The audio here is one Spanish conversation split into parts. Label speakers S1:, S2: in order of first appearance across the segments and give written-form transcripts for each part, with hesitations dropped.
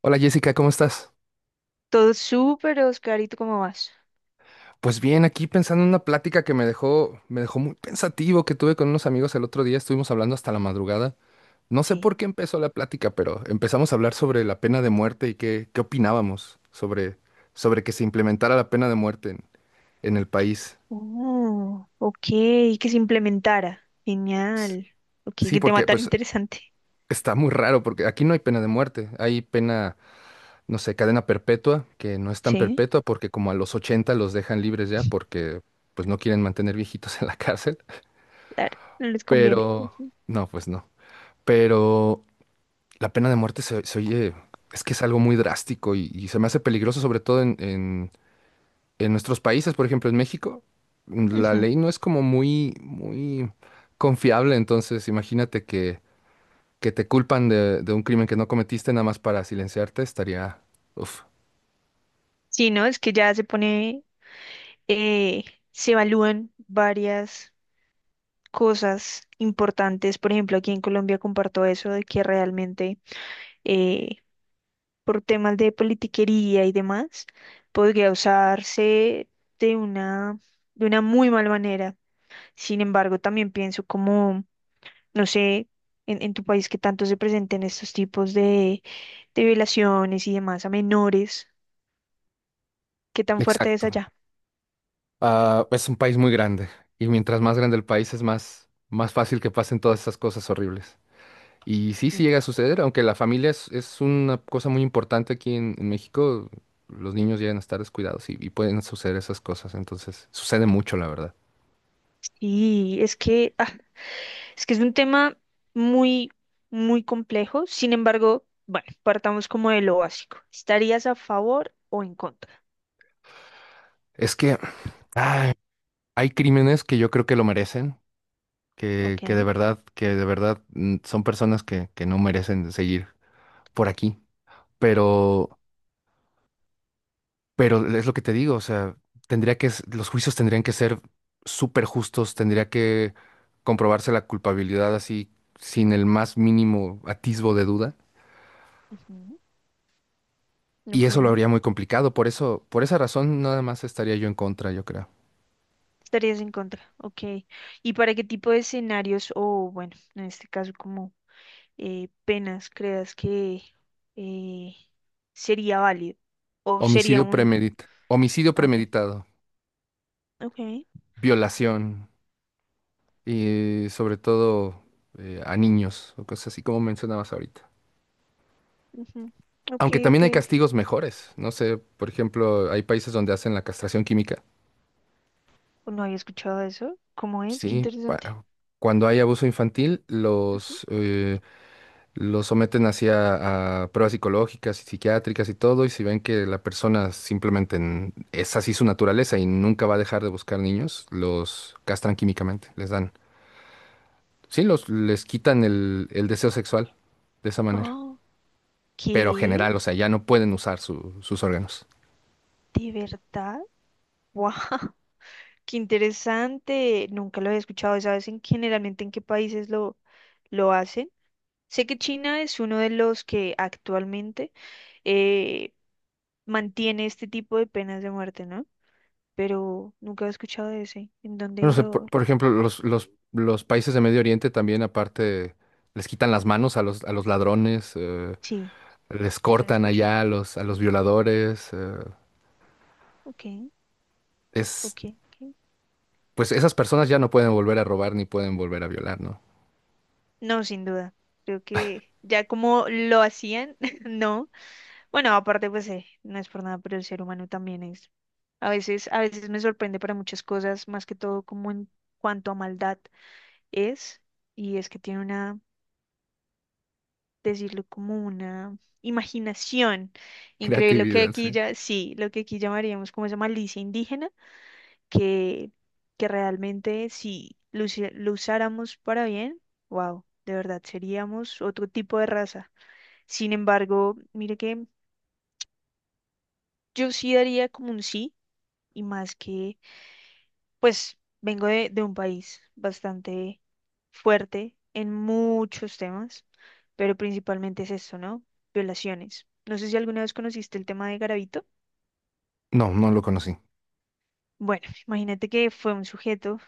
S1: Hola Jessica, ¿cómo estás?
S2: Todo súper, Oscar. ¿Y tú cómo vas?
S1: Pues bien, aquí pensando en una plática que me dejó muy pensativo que tuve con unos amigos el otro día, estuvimos hablando hasta la madrugada. No sé
S2: Sí.
S1: por qué empezó la plática, pero empezamos a hablar sobre la pena de muerte y qué opinábamos sobre que se implementara la pena de muerte en el país.
S2: Oh, ok, que se implementara.
S1: S-
S2: Genial. Ok,
S1: Sí,
S2: qué tema
S1: porque
S2: tan
S1: pues
S2: interesante.
S1: está muy raro, porque aquí no hay pena de muerte, hay pena, no sé, cadena perpetua, que no es tan
S2: Sí,
S1: perpetua porque como a los 80 los dejan libres ya porque pues no quieren mantener viejitos en la cárcel.
S2: claro, no les conviene.
S1: Pero,
S2: Ujú,
S1: no, pues no. Pero la pena de muerte se oye, es que es algo muy drástico y se me hace peligroso, sobre todo en nuestros países, por ejemplo, en México, la
S2: ujú.
S1: ley no es como muy confiable, entonces imagínate que te culpan de un crimen que no cometiste nada más para silenciarte, estaría, uf,
S2: Sí, ¿no? Es que ya se pone, eh, se evalúan varias cosas importantes. Por ejemplo, aquí en Colombia comparto eso de que realmente eh, por temas de politiquería y demás, podría usarse de una, de una muy mala manera. Sin embargo, también pienso como, no sé, en tu país que tanto se presenten estos tipos de violaciones y demás a menores, qué tan fuerte es
S1: exacto.
S2: allá.
S1: Ah, es un país muy grande y mientras más grande el país es más, más fácil que pasen todas esas cosas horribles. Y sí, sí
S2: Mm.
S1: llega a suceder, aunque la familia es una cosa muy importante aquí en México, los niños llegan a estar descuidados y pueden suceder esas cosas, entonces sucede mucho, la verdad.
S2: Y es que es un tema muy, muy complejo. Sin embargo, bueno, partamos como de lo básico. ¿Estarías a favor o en contra?
S1: Es que ay, hay crímenes que yo creo que lo merecen, que de
S2: Ok.
S1: verdad, que de verdad son personas que no merecen seguir por aquí, pero Pero es lo que te digo, o sea, los juicios tendrían que ser súper justos, tendría que comprobarse la culpabilidad así sin el más mínimo atisbo de duda.
S2: Ujú.
S1: Y
S2: Ok.
S1: eso lo habría muy complicado, por eso, por esa razón nada más estaría yo en contra, yo creo.
S2: Estarías en contra. Ok. ¿Y para qué tipo de escenarios o, bueno, en este caso, como penas creas que eh, sería válido o sería un...
S1: Homicidio
S2: Ah, ok,
S1: premeditado,
S2: ok,
S1: violación y sobre todo a niños o cosas así como mencionabas ahorita.
S2: ujú, ok,
S1: Aunque
S2: ok,
S1: también hay
S2: ok.
S1: castigos mejores, no sé, por ejemplo, hay países donde hacen la castración química.
S2: O no había escuchado eso. ¿Cómo es? Qué
S1: Sí,
S2: interesante.
S1: cuando hay abuso infantil,
S2: Ujú.
S1: los someten hacia a pruebas psicológicas y psiquiátricas y todo, y si ven que la persona simplemente es así su naturaleza y nunca va a dejar de buscar niños, los castran químicamente, les dan. Sí, los, les quitan el deseo sexual de esa manera.
S2: Oh,
S1: Pero
S2: ¿qué?
S1: general, o sea, ya no pueden usar sus órganos.
S2: ¿De verdad? ¡Wow! ¡Qué interesante! Nunca lo había escuchado. ¿Sabes en generalmente en qué países lo hacen? Sé que China es uno de los que actualmente eh, mantiene este tipo de penas de muerte, ¿no? Pero nunca he escuchado de ese. ¿En dónde
S1: Bueno, o sea,
S2: lo...?
S1: por ejemplo, los países de Medio Oriente también, aparte, les quitan las manos a a los ladrones.
S2: Sí,
S1: Les
S2: eso he
S1: cortan
S2: escuchado.
S1: allá a a los violadores.
S2: Ok,
S1: Es,
S2: ok, ok.
S1: pues esas personas ya no pueden volver a robar ni pueden volver a violar, ¿no?
S2: No, sin duda. Creo que ya como lo hacían, no. Bueno, aparte, pues no es por nada, pero el ser humano también es. A veces, me sorprende para muchas cosas, más que todo como en cuanto a maldad es, y es que tiene una, decirlo como una imaginación increíble, lo que
S1: Creatividad,
S2: aquí
S1: sí.
S2: ya, sí, lo que aquí llamaríamos como esa malicia indígena que, que realmente si lo, lo usáramos para bien, wow, de verdad seríamos otro tipo de raza. Sin embargo, mire que yo sí daría como un sí, y más que, pues, vengo de un país bastante fuerte en muchos temas, pero principalmente es esto, ¿no? Violaciones. No sé si alguna vez conociste el tema de Garavito.
S1: No, no lo conocí.
S2: Bueno, imagínate que fue un sujeto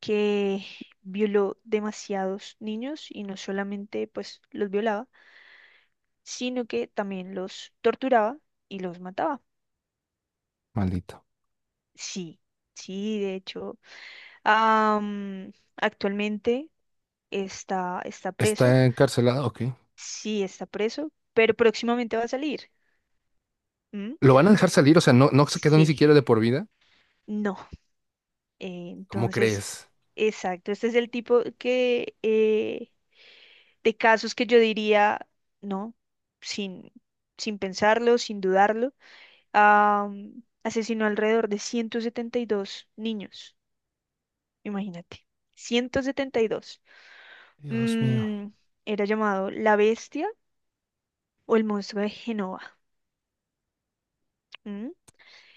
S2: que violó demasiados niños, y no solamente pues los violaba, sino que también los torturaba y los mataba.
S1: Maldito.
S2: Sí, sí, de hecho, actualmente está preso,
S1: ¿Está encarcelado? Ok.
S2: sí está preso, pero próximamente va a salir. ¿Mm?
S1: ¿Lo van a dejar salir? O sea, no, no se quedó
S2: Sí,
S1: ni siquiera de por vida.
S2: no.
S1: ¿Cómo
S2: Entonces,
S1: crees?
S2: exacto, este es el tipo de casos que yo diría, no, sin, sin pensarlo, sin dudarlo, asesinó alrededor de 172 niños, imagínate, 172.
S1: Dios mío.
S2: Mm, Era llamado la bestia o el monstruo de Genova. ¿Mm?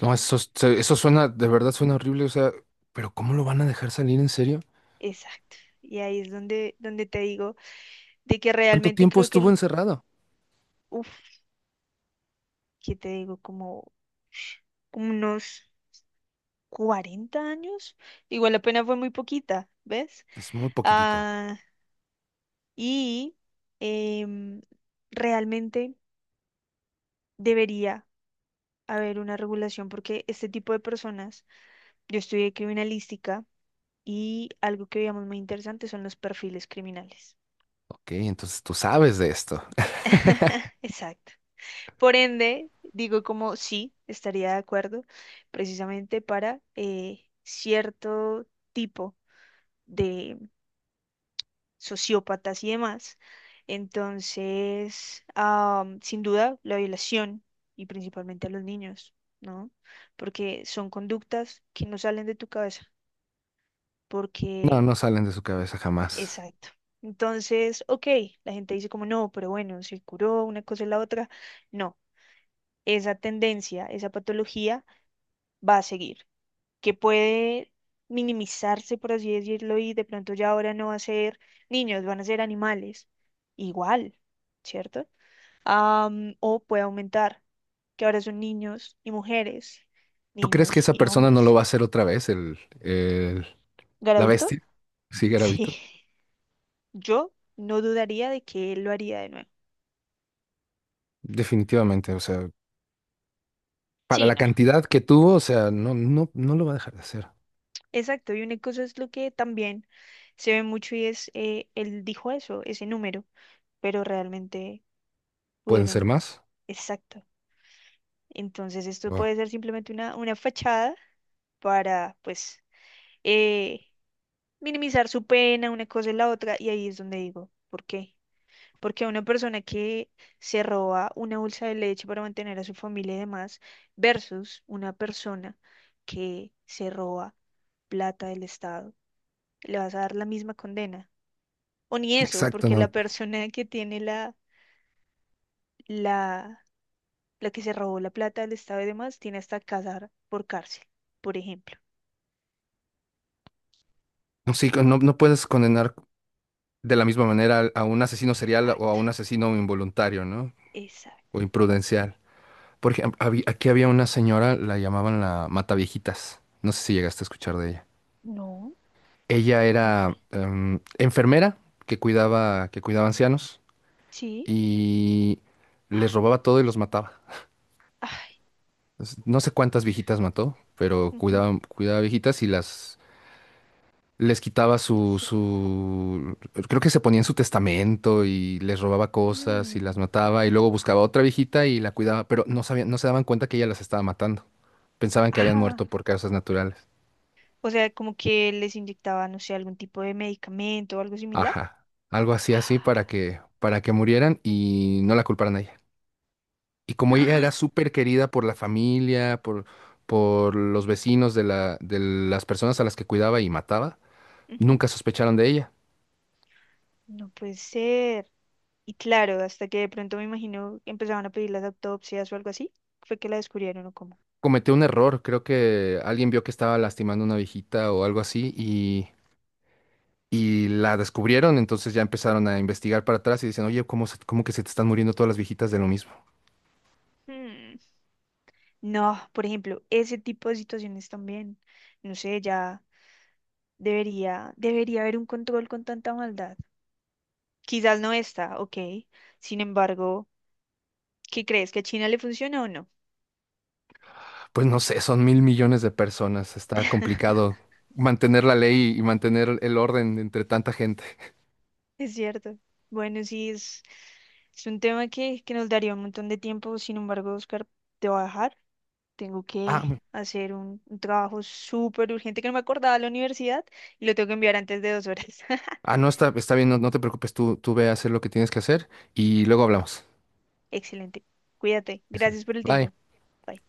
S1: No, eso, eso suena, de verdad suena horrible. O sea, ¿pero cómo lo van a dejar salir en serio?
S2: Exacto. Y ahí es donde te digo de que
S1: ¿Cuánto
S2: realmente
S1: tiempo
S2: creo que
S1: estuvo
S2: el,
S1: encerrado?
S2: uff, ¿qué te digo? Como unos 40 años. Igual la pena fue muy poquita, ¿ves?
S1: Es muy poquitito.
S2: ah Y em, realmente debería haber una regulación porque este tipo de personas, yo estudié criminalística y algo que veíamos muy interesante son los perfiles criminales.
S1: Ok, entonces tú sabes de esto.
S2: Exacto. Por ende, digo como sí, estaría de acuerdo precisamente para cierto tipo de sociópatas y demás. Entonces, sin duda, la violación y principalmente a los niños, ¿no? Porque son conductas que no salen de tu cabeza,
S1: No,
S2: porque,
S1: no salen de su cabeza jamás.
S2: exacto. Entonces, ok, la gente dice como no, pero bueno, se curó una cosa y la otra. No, esa tendencia, esa patología va a seguir, que puede minimizarse, por así decirlo, y de pronto ya ahora no va a ser niños, van a ser animales. Igual. ¿Cierto? O puede aumentar, que ahora son niños y mujeres,
S1: ¿Tú crees que
S2: niños
S1: esa
S2: y
S1: persona no lo
S2: hombres.
S1: va a hacer otra vez, la
S2: ¿Garavito?
S1: bestia? Sí,
S2: Sí,
S1: Garavito.
S2: yo no dudaría de que él lo haría de nuevo.
S1: Definitivamente, o sea, para
S2: Sí,
S1: la
S2: no.
S1: cantidad que tuvo, o sea, no lo va a dejar de hacer.
S2: Exacto, y una cosa es lo que también se ve mucho y es, él dijo eso, ese número, pero realmente
S1: ¿Pueden ser
S2: pudieron,
S1: más?
S2: exacto. Entonces esto
S1: Wow.
S2: puede ser simplemente una fachada para, pues, eh, minimizar su pena, una cosa y la otra, y ahí es donde digo, ¿por qué? Porque a una persona que se roba una bolsa de leche para mantener a su familia y demás, versus una persona que se roba plata del Estado, le vas a dar la misma condena. O ni eso,
S1: Exacto,
S2: porque la
S1: no.
S2: persona que tiene la, la que se robó la plata del Estado y demás, tiene hasta casar por cárcel, por ejemplo.
S1: No, sí, no, no puedes condenar de la misma manera a un asesino serial o a
S2: Exacto,
S1: un asesino involuntario, ¿no? O
S2: exacto.
S1: imprudencial. Por ejemplo, aquí había una señora, la llamaban la Mataviejitas. No sé si llegaste a escuchar de ella.
S2: No,
S1: Ella
S2: ¿cómo fue?
S1: era enfermera que cuidaba ancianos.
S2: Sí.
S1: Y les
S2: ¡Ah!
S1: robaba todo y los mataba.
S2: Ay,
S1: No sé cuántas viejitas mató, pero
S2: ujú,
S1: cuidaba, cuidaba viejitas y las les quitaba
S2: le asesinó.
S1: creo que se ponía en su testamento y les robaba cosas y las
S2: Mm,
S1: mataba y luego buscaba otra viejita y la cuidaba, pero no sabían, no se daban cuenta que ella las estaba matando. Pensaban que habían
S2: Ah,
S1: muerto por causas naturales.
S2: o sea, como que les inyectaba, no sé, algún tipo de medicamento o algo similar.
S1: Ajá. Algo así así para que murieran y no la culparan a ella. Y como ella era
S2: Ah,
S1: súper querida por la familia, por los vecinos de de las personas a las que cuidaba y mataba,
S2: ujú,
S1: nunca sospecharon de ella.
S2: no puede ser. Y claro, hasta que de pronto me imagino que empezaban a pedir las autopsias o algo así, fue que la descubrieron o cómo.
S1: Cometió un error, creo que alguien vio que estaba lastimando a una viejita o algo así y la descubrieron, entonces ya empezaron a investigar para atrás y dicen, oye, ¿cómo que se te están muriendo todas las viejitas de lo mismo?
S2: Hmm, No, por ejemplo, ese tipo de situaciones también, no sé, ya debería haber un control con tanta maldad. Quizás no está, ok. Sin embargo, ¿qué crees? ¿Que a China le funciona o no?
S1: Pues no sé, son 1.000 millones de personas, está complicado mantener la ley y mantener el orden entre tanta gente.
S2: Es cierto. Bueno, sí, es un tema que nos daría un montón de tiempo. Sin embargo, Oscar, te voy a dejar. Tengo
S1: Ah,
S2: que hacer un trabajo súper urgente que no me acordaba de la universidad y lo tengo que enviar antes de 2 horas.
S1: ah, no, está, está bien, no, no te preocupes, tú ve a hacer lo que tienes que hacer y luego hablamos.
S2: Excelente. Cuídate. Gracias
S1: Excelente.
S2: por el
S1: Bye.
S2: tiempo. Bye.